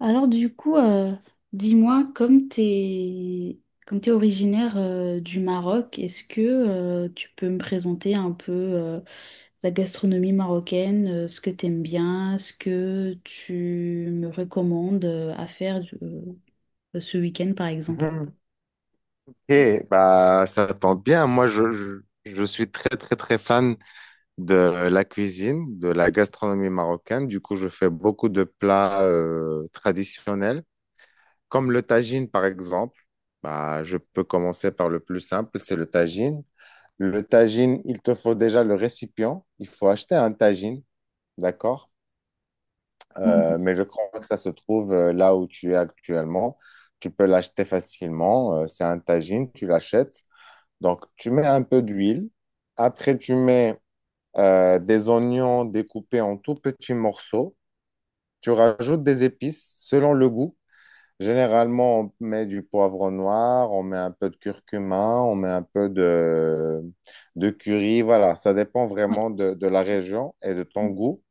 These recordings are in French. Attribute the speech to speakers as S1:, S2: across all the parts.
S1: Alors du coup, dis-moi, comme t'es originaire du Maroc, est-ce que tu peux me présenter un peu la gastronomie marocaine, ce que t'aimes bien, ce que tu me recommandes à faire ce week-end par exemple?
S2: Mhm. Ok, bah, ça tombe bien. Je suis très, très, très fan de la cuisine, de la gastronomie marocaine. Du coup, je fais beaucoup de plats traditionnels, comme le tagine, par exemple. Bah, je peux commencer par le plus simple, c'est le tagine. Le tagine, il te faut déjà le récipient. Il faut acheter un tagine, d'accord?
S1: Bon,
S2: Mais je crois que ça se trouve là où tu es actuellement. Tu peux l'acheter facilement. C'est un tagine, tu l'achètes. Donc, tu mets un peu d'huile. Après, tu mets des oignons découpés en tout petits morceaux. Tu rajoutes des épices selon le goût. Généralement, on met du poivre noir, on met un peu de curcuma, on met un peu de curry. Voilà, ça dépend
S1: ouais.
S2: vraiment de la région et de ton goût.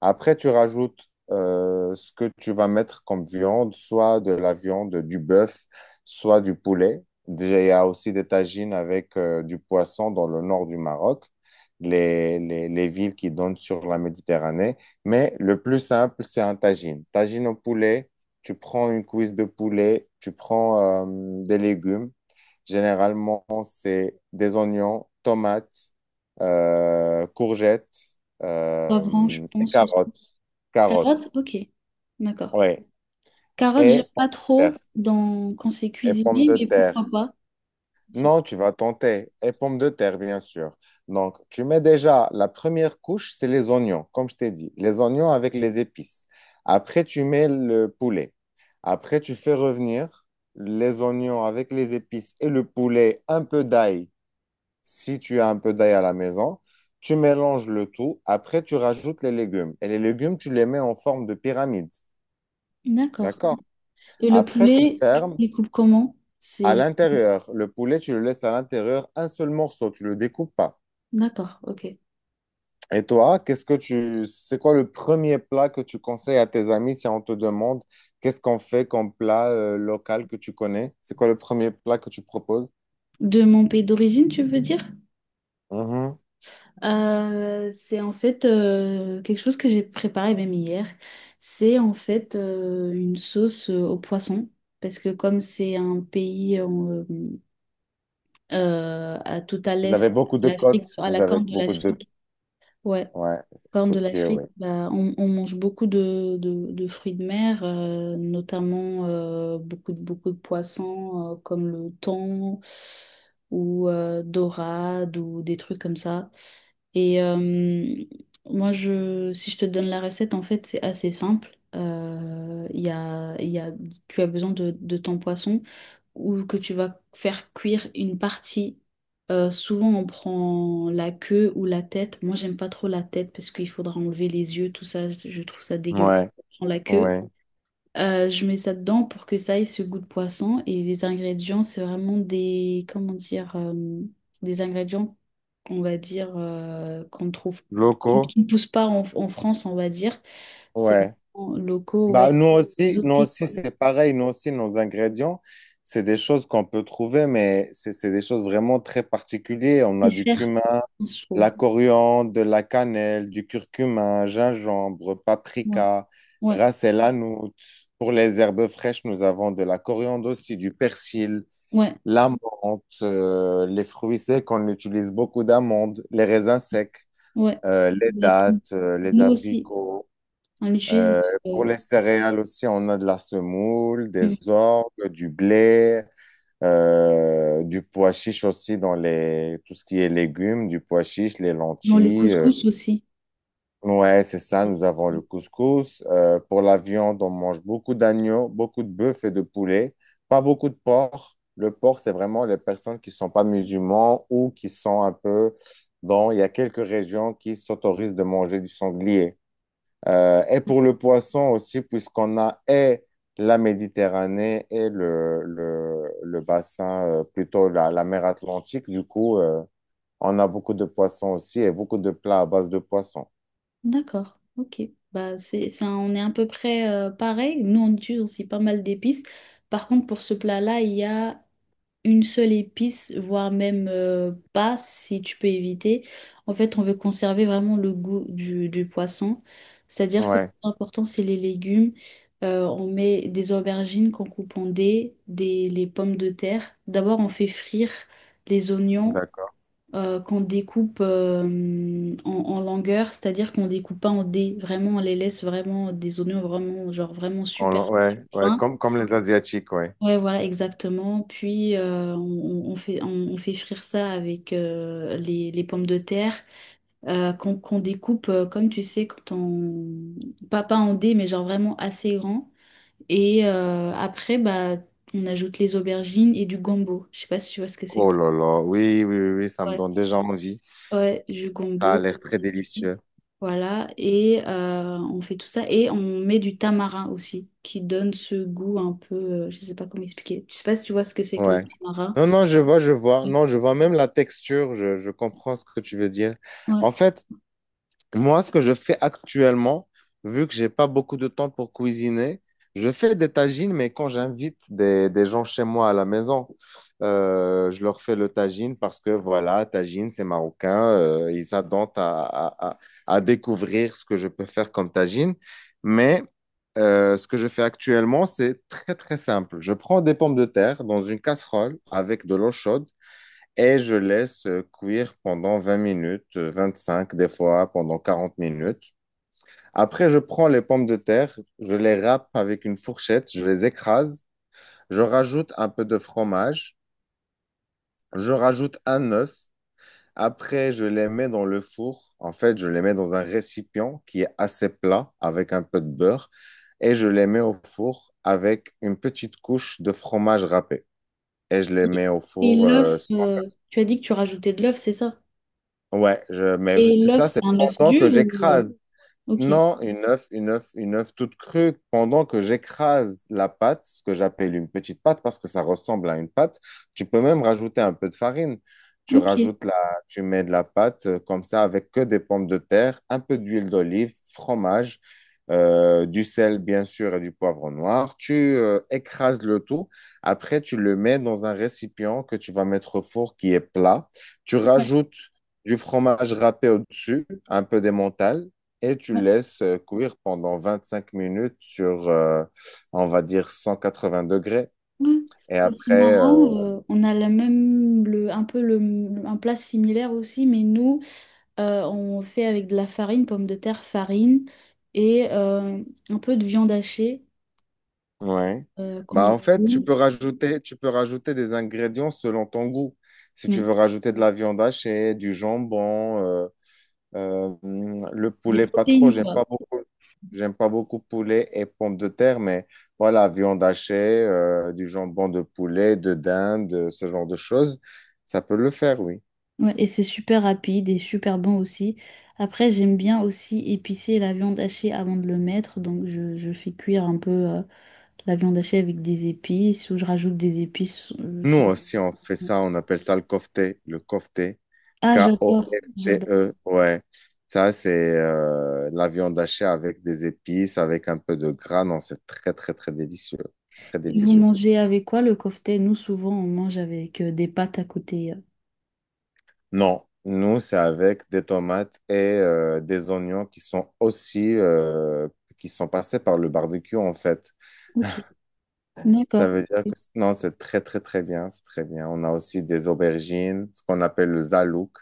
S2: Après, tu rajoutes ce que tu vas mettre comme viande, soit de la viande, du bœuf, soit du poulet. Déjà, il y a aussi des tagines avec du poisson dans le nord du Maroc, les villes qui donnent sur la Méditerranée. Mais le plus simple, c'est un tagine. Tagine au poulet, tu prends une cuisse de poulet, tu prends des légumes. Généralement, c'est des oignons, tomates, courgettes
S1: Poivron, je
S2: et
S1: pense aussi.
S2: carottes.
S1: Carottes,
S2: Carottes.
S1: ok, d'accord.
S2: Ouais.
S1: Carottes, j'aime
S2: Et pommes
S1: pas
S2: de
S1: trop
S2: terre.
S1: dans quand c'est
S2: Et pommes
S1: cuisiné,
S2: de
S1: mais
S2: terre.
S1: pourquoi pas? En fait.
S2: Non, tu vas tenter. Et pommes de terre, bien sûr. Donc, tu mets déjà la première couche, c'est les oignons, comme je t'ai dit. Les oignons avec les épices. Après, tu mets le poulet. Après, tu fais revenir les oignons avec les épices et le poulet, un peu d'ail, si tu as un peu d'ail à la maison. Tu mélanges le tout. Après, tu rajoutes les légumes. Et les légumes, tu les mets en forme de pyramide.
S1: D'accord.
S2: D'accord.
S1: Et le
S2: Après, tu
S1: poulet, tu
S2: fermes
S1: les coupes comment?
S2: à
S1: C'est
S2: l'intérieur. Le poulet, tu le laisses à l'intérieur, un seul morceau, tu le découpes pas.
S1: D'accord, ok.
S2: Et toi, qu'est-ce que tu, c'est quoi le premier plat que tu conseilles à tes amis si on te demande qu'est-ce qu'on fait comme plat local que tu connais? C'est quoi le premier plat que tu proposes?
S1: De mon pays d'origine, tu veux dire?
S2: Mhm.
S1: C'est en fait quelque chose que j'ai préparé même hier. C'est en fait une sauce au poisson. Parce que comme c'est un pays à, tout à
S2: Vous avez
S1: l'est de
S2: beaucoup de
S1: l'Afrique,
S2: côtes,
S1: à
S2: vous
S1: la
S2: avez
S1: corne de
S2: beaucoup de,
S1: l'Afrique, ouais,
S2: ouais,
S1: Corne de
S2: côtiers,
S1: l'Afrique,
S2: ouais.
S1: bah, on mange beaucoup de fruits de mer, notamment beaucoup de poissons comme le thon ou dorade ou des trucs comme ça. Et moi, si je te donne la recette, en fait, c'est assez simple. Il y a tu as besoin de ton poisson ou que tu vas faire cuire une partie. Souvent, on prend la queue ou la tête. Moi, j'aime pas trop la tête parce qu'il faudra enlever les yeux, tout ça. Je trouve ça dégueulasse.
S2: Ouais,
S1: Je prends la queue.
S2: ouais.
S1: Je mets ça dedans pour que ça ait ce goût de poisson. Et les ingrédients, c'est vraiment des, comment dire, des ingrédients, on va dire, qu'on trouve, qui
S2: Locaux,
S1: qui ne poussent pas en, en France, on va dire. C'est
S2: ouais.
S1: vraiment locaux, ouais,
S2: Bah, nous
S1: exotiques,
S2: aussi
S1: quoi.
S2: c'est pareil. Nous aussi, nos ingrédients, c'est des choses qu'on peut trouver, mais c'est des choses vraiment très particulières. On
S1: C'est
S2: a du
S1: cher,
S2: cumin,
S1: je trouve.
S2: la coriandre, de la cannelle, du curcuma, gingembre,
S1: Ouais,
S2: paprika,
S1: ouais,
S2: ras el hanout. Pour les herbes fraîches, nous avons de la coriandre aussi, du persil,
S1: ouais.
S2: la menthe, les fruits secs, on utilise beaucoup d'amandes, les raisins secs,
S1: Ouais,
S2: les
S1: exactement.
S2: dattes, les
S1: Nous aussi,
S2: abricots.
S1: on l'utilise
S2: Euh, pour
S1: euh,
S2: les céréales aussi, on a de la semoule, des orgues, du blé, du pois chiche aussi dans les, tout ce qui est légumes, du pois chiche, les
S1: dans le
S2: lentilles.
S1: couscous aussi.
S2: Ouais, c'est ça, nous avons le couscous. Pour la viande, on mange beaucoup d'agneau, beaucoup de bœuf et de poulet, pas beaucoup de porc. Le porc, c'est vraiment les personnes qui sont pas musulmans ou qui sont un peu dans, il y a quelques régions qui s'autorisent de manger du sanglier. Et pour le poisson aussi, puisqu'on a et la Méditerranée et le bassin, plutôt la mer Atlantique, du coup, on a beaucoup de poissons aussi et beaucoup de plats à base de poissons.
S1: D'accord, ok. Bah, c'est, ça, on est à peu près pareil. Nous, on utilise aussi pas mal d'épices. Par contre, pour ce plat-là, il y a une seule épice, voire même pas, si tu peux éviter. En fait, on veut conserver vraiment le goût du poisson. C'est-à-dire que le plus
S2: Ouais,
S1: important, c'est les légumes. On met des aubergines qu'on coupe en dés, des, les pommes de terre. D'abord, on fait frire les oignons
S2: d'accord.
S1: qu'on découpe en, en longueur, c'est-à-dire qu'on découpe pas en dés. Vraiment, on les laisse vraiment des oignons vraiment, genre vraiment super
S2: Ouais, ouais,
S1: fins.
S2: comme les Asiatiques, ouais.
S1: Ouais, voilà, exactement. Puis, on fait frire ça avec les pommes de terre qu'on découpe, comme tu sais, quand on Pas, pas en dés, mais genre vraiment assez grand. Et après, bah, on ajoute les aubergines et du gombo. Je sais pas si tu vois ce que c'est.
S2: Oh là là, oui, oui, oui, oui, ça me
S1: Ouais,
S2: donne déjà envie.
S1: ouais, du
S2: Ça a
S1: gombo.
S2: l'air très délicieux.
S1: Voilà. Et on fait tout ça. Et on met du tamarin aussi, qui donne ce goût un peu je sais pas comment expliquer. Je sais pas si tu vois ce que c'est que le
S2: Ouais.
S1: tamarin.
S2: Non, non, je vois, je vois. Non, je vois même la texture, je comprends ce que tu veux dire.
S1: Ouais.
S2: En fait, moi, ce que je fais actuellement, vu que j'ai pas beaucoup de temps pour cuisiner, je fais des tagines, mais quand j'invite des gens chez moi à la maison, je leur fais le tagine parce que voilà, tagine, c'est marocain, ils s'attendent à découvrir ce que je peux faire comme tagine. Mais ce que je fais actuellement, c'est très très simple. Je prends des pommes de terre dans une casserole avec de l'eau chaude. Et je laisse cuire pendant 20 minutes, 25, des fois pendant 40 minutes. Après, je prends les pommes de terre, je les râpe avec une fourchette, je les écrase, je rajoute un peu de fromage, je rajoute un œuf. Après, je les mets dans le four. En fait, je les mets dans un récipient qui est assez plat avec un peu de beurre et je les mets au four avec une petite couche de fromage râpé. Et je les
S1: Et,
S2: mets au
S1: et
S2: four
S1: l'œuf, tu as dit que tu rajoutais de l'œuf, c'est ça?
S2: ouais, mais
S1: Et
S2: c'est
S1: l'œuf,
S2: ça,
S1: c'est
S2: c'est
S1: un œuf
S2: pendant
S1: dur
S2: que
S1: ou
S2: j'écrase
S1: ok,
S2: non, une œuf toute crue. Pendant que j'écrase la pâte, ce que j'appelle une petite pâte parce que ça ressemble à une pâte, tu peux même rajouter un peu de farine. Tu
S1: ok. Ouais,
S2: rajoutes la, tu mets de la pâte comme ça avec que des pommes de terre, un peu d'huile d'olive, fromage, du sel bien sûr et du poivre noir. Tu écrases le tout. Après, tu le mets dans un récipient que tu vas mettre au four qui est plat. Tu rajoutes du fromage râpé au-dessus, un peu d'emmental et tu
S1: ouais,
S2: laisses cuire pendant 25 minutes sur, on va dire, 180 degrés.
S1: ouais.
S2: Et
S1: Bah, c'est
S2: après,
S1: marrant, on a la même, le, un peu le, un plat similaire aussi, mais nous, on fait avec de la farine, pommes de terre, farine et un peu de viande hachée
S2: ouais.
S1: qu'on
S2: Bah,
S1: en
S2: en fait, tu peux rajouter des ingrédients selon ton goût. Si tu
S1: Ouais.
S2: veux rajouter de la viande hachée, du jambon, le
S1: Des
S2: poulet, pas trop,
S1: protéines,
S2: j'aime
S1: quoi.
S2: pas beaucoup. J'aime pas beaucoup poulet et pommes de terre, mais voilà, viande hachée, du jambon de poulet, de dinde, ce genre de choses, ça peut le faire, oui.
S1: Ouais, et c'est super rapide et super bon aussi. Après, j'aime bien aussi épicer la viande hachée avant de le mettre. Donc, je fais cuire un peu la viande hachée avec des épices ou je rajoute des épices
S2: Nous
S1: sans-
S2: aussi, on fait ça, on appelle ça le kofté,
S1: Ah, j'adore, j'adore.
S2: K-O-F-T-E, ouais. Ça, c'est la viande hachée avec des épices, avec un peu de gras. Non, c'est très, très, très délicieux. C'est très
S1: Et vous
S2: délicieux.
S1: mangez avec quoi le kofté? Nous, souvent, on mange avec des pâtes à côté.
S2: Non, nous, c'est avec des tomates et des oignons qui sont aussi, qui sont passés par le barbecue, en fait.
S1: Ok,
S2: Ça
S1: d'accord.
S2: veut dire que c- Non, c'est très, très, très bien. C'est très bien. On a aussi des aubergines, ce qu'on appelle le zalouk.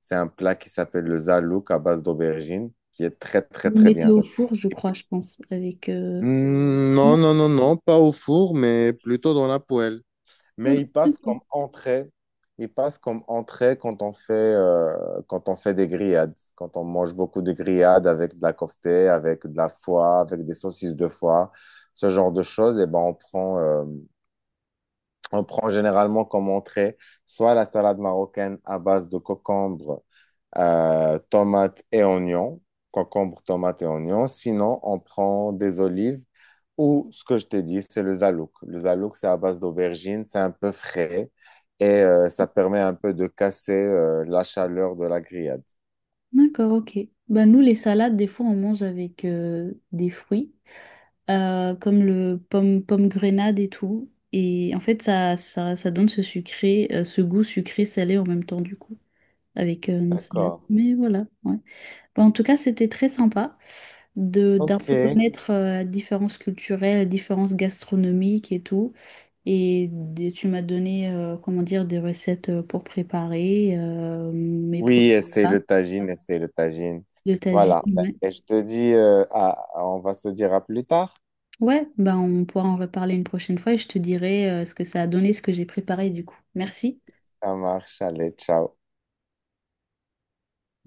S2: C'est un plat qui s'appelle le zalouk à base d'aubergines, qui est très, très,
S1: Vous
S2: très
S1: mettez
S2: bien.
S1: au four, je crois, je pense, avec
S2: Non,
S1: non,
S2: non, non, non, pas au four, mais plutôt dans la poêle.
S1: oh,
S2: Mais il passe comme
S1: ok,
S2: entrée. Il passe comme entrée quand on fait, quand on fait des grillades, quand on mange beaucoup de grillades avec de la kofta, avec de la foie, avec des saucisses de foie, ce genre de choses. Et ben on prend généralement comme entrée soit la salade marocaine à base de concombre, tomates et oignons, concombre, tomates et oignons. Sinon, on prend des olives ou ce que je t'ai dit, c'est le zalouk. Le zalouk, c'est à base d'aubergine, c'est un peu frais et ça permet un peu de casser la chaleur de la grillade.
S1: d'accord, ok. Bah, nous, les salades, des fois, on mange avec des fruits, comme le pomme, pomme grenade et tout. Et en fait, ça donne ce sucré, ce goût sucré-salé en même temps, du coup, avec nos salades.
S2: D'accord.
S1: Mais voilà, ouais. Bah, en tout cas, c'était très sympa de, d'un peu
S2: OK.
S1: connaître la différence culturelle, la différence gastronomique et tout. Et, d- tu m'as donné, comment dire, des recettes pour préparer mes prochains
S2: Oui, essaye
S1: plats
S2: le tagine, essaye le tagine.
S1: de
S2: Voilà.
S1: tagine.
S2: Et je te dis, on va se dire à plus tard.
S1: Ouais, ben on pourra en reparler une prochaine fois et je te dirai ce que ça a donné, ce que j'ai préparé du coup. Merci.
S2: Ça marche, allez, ciao.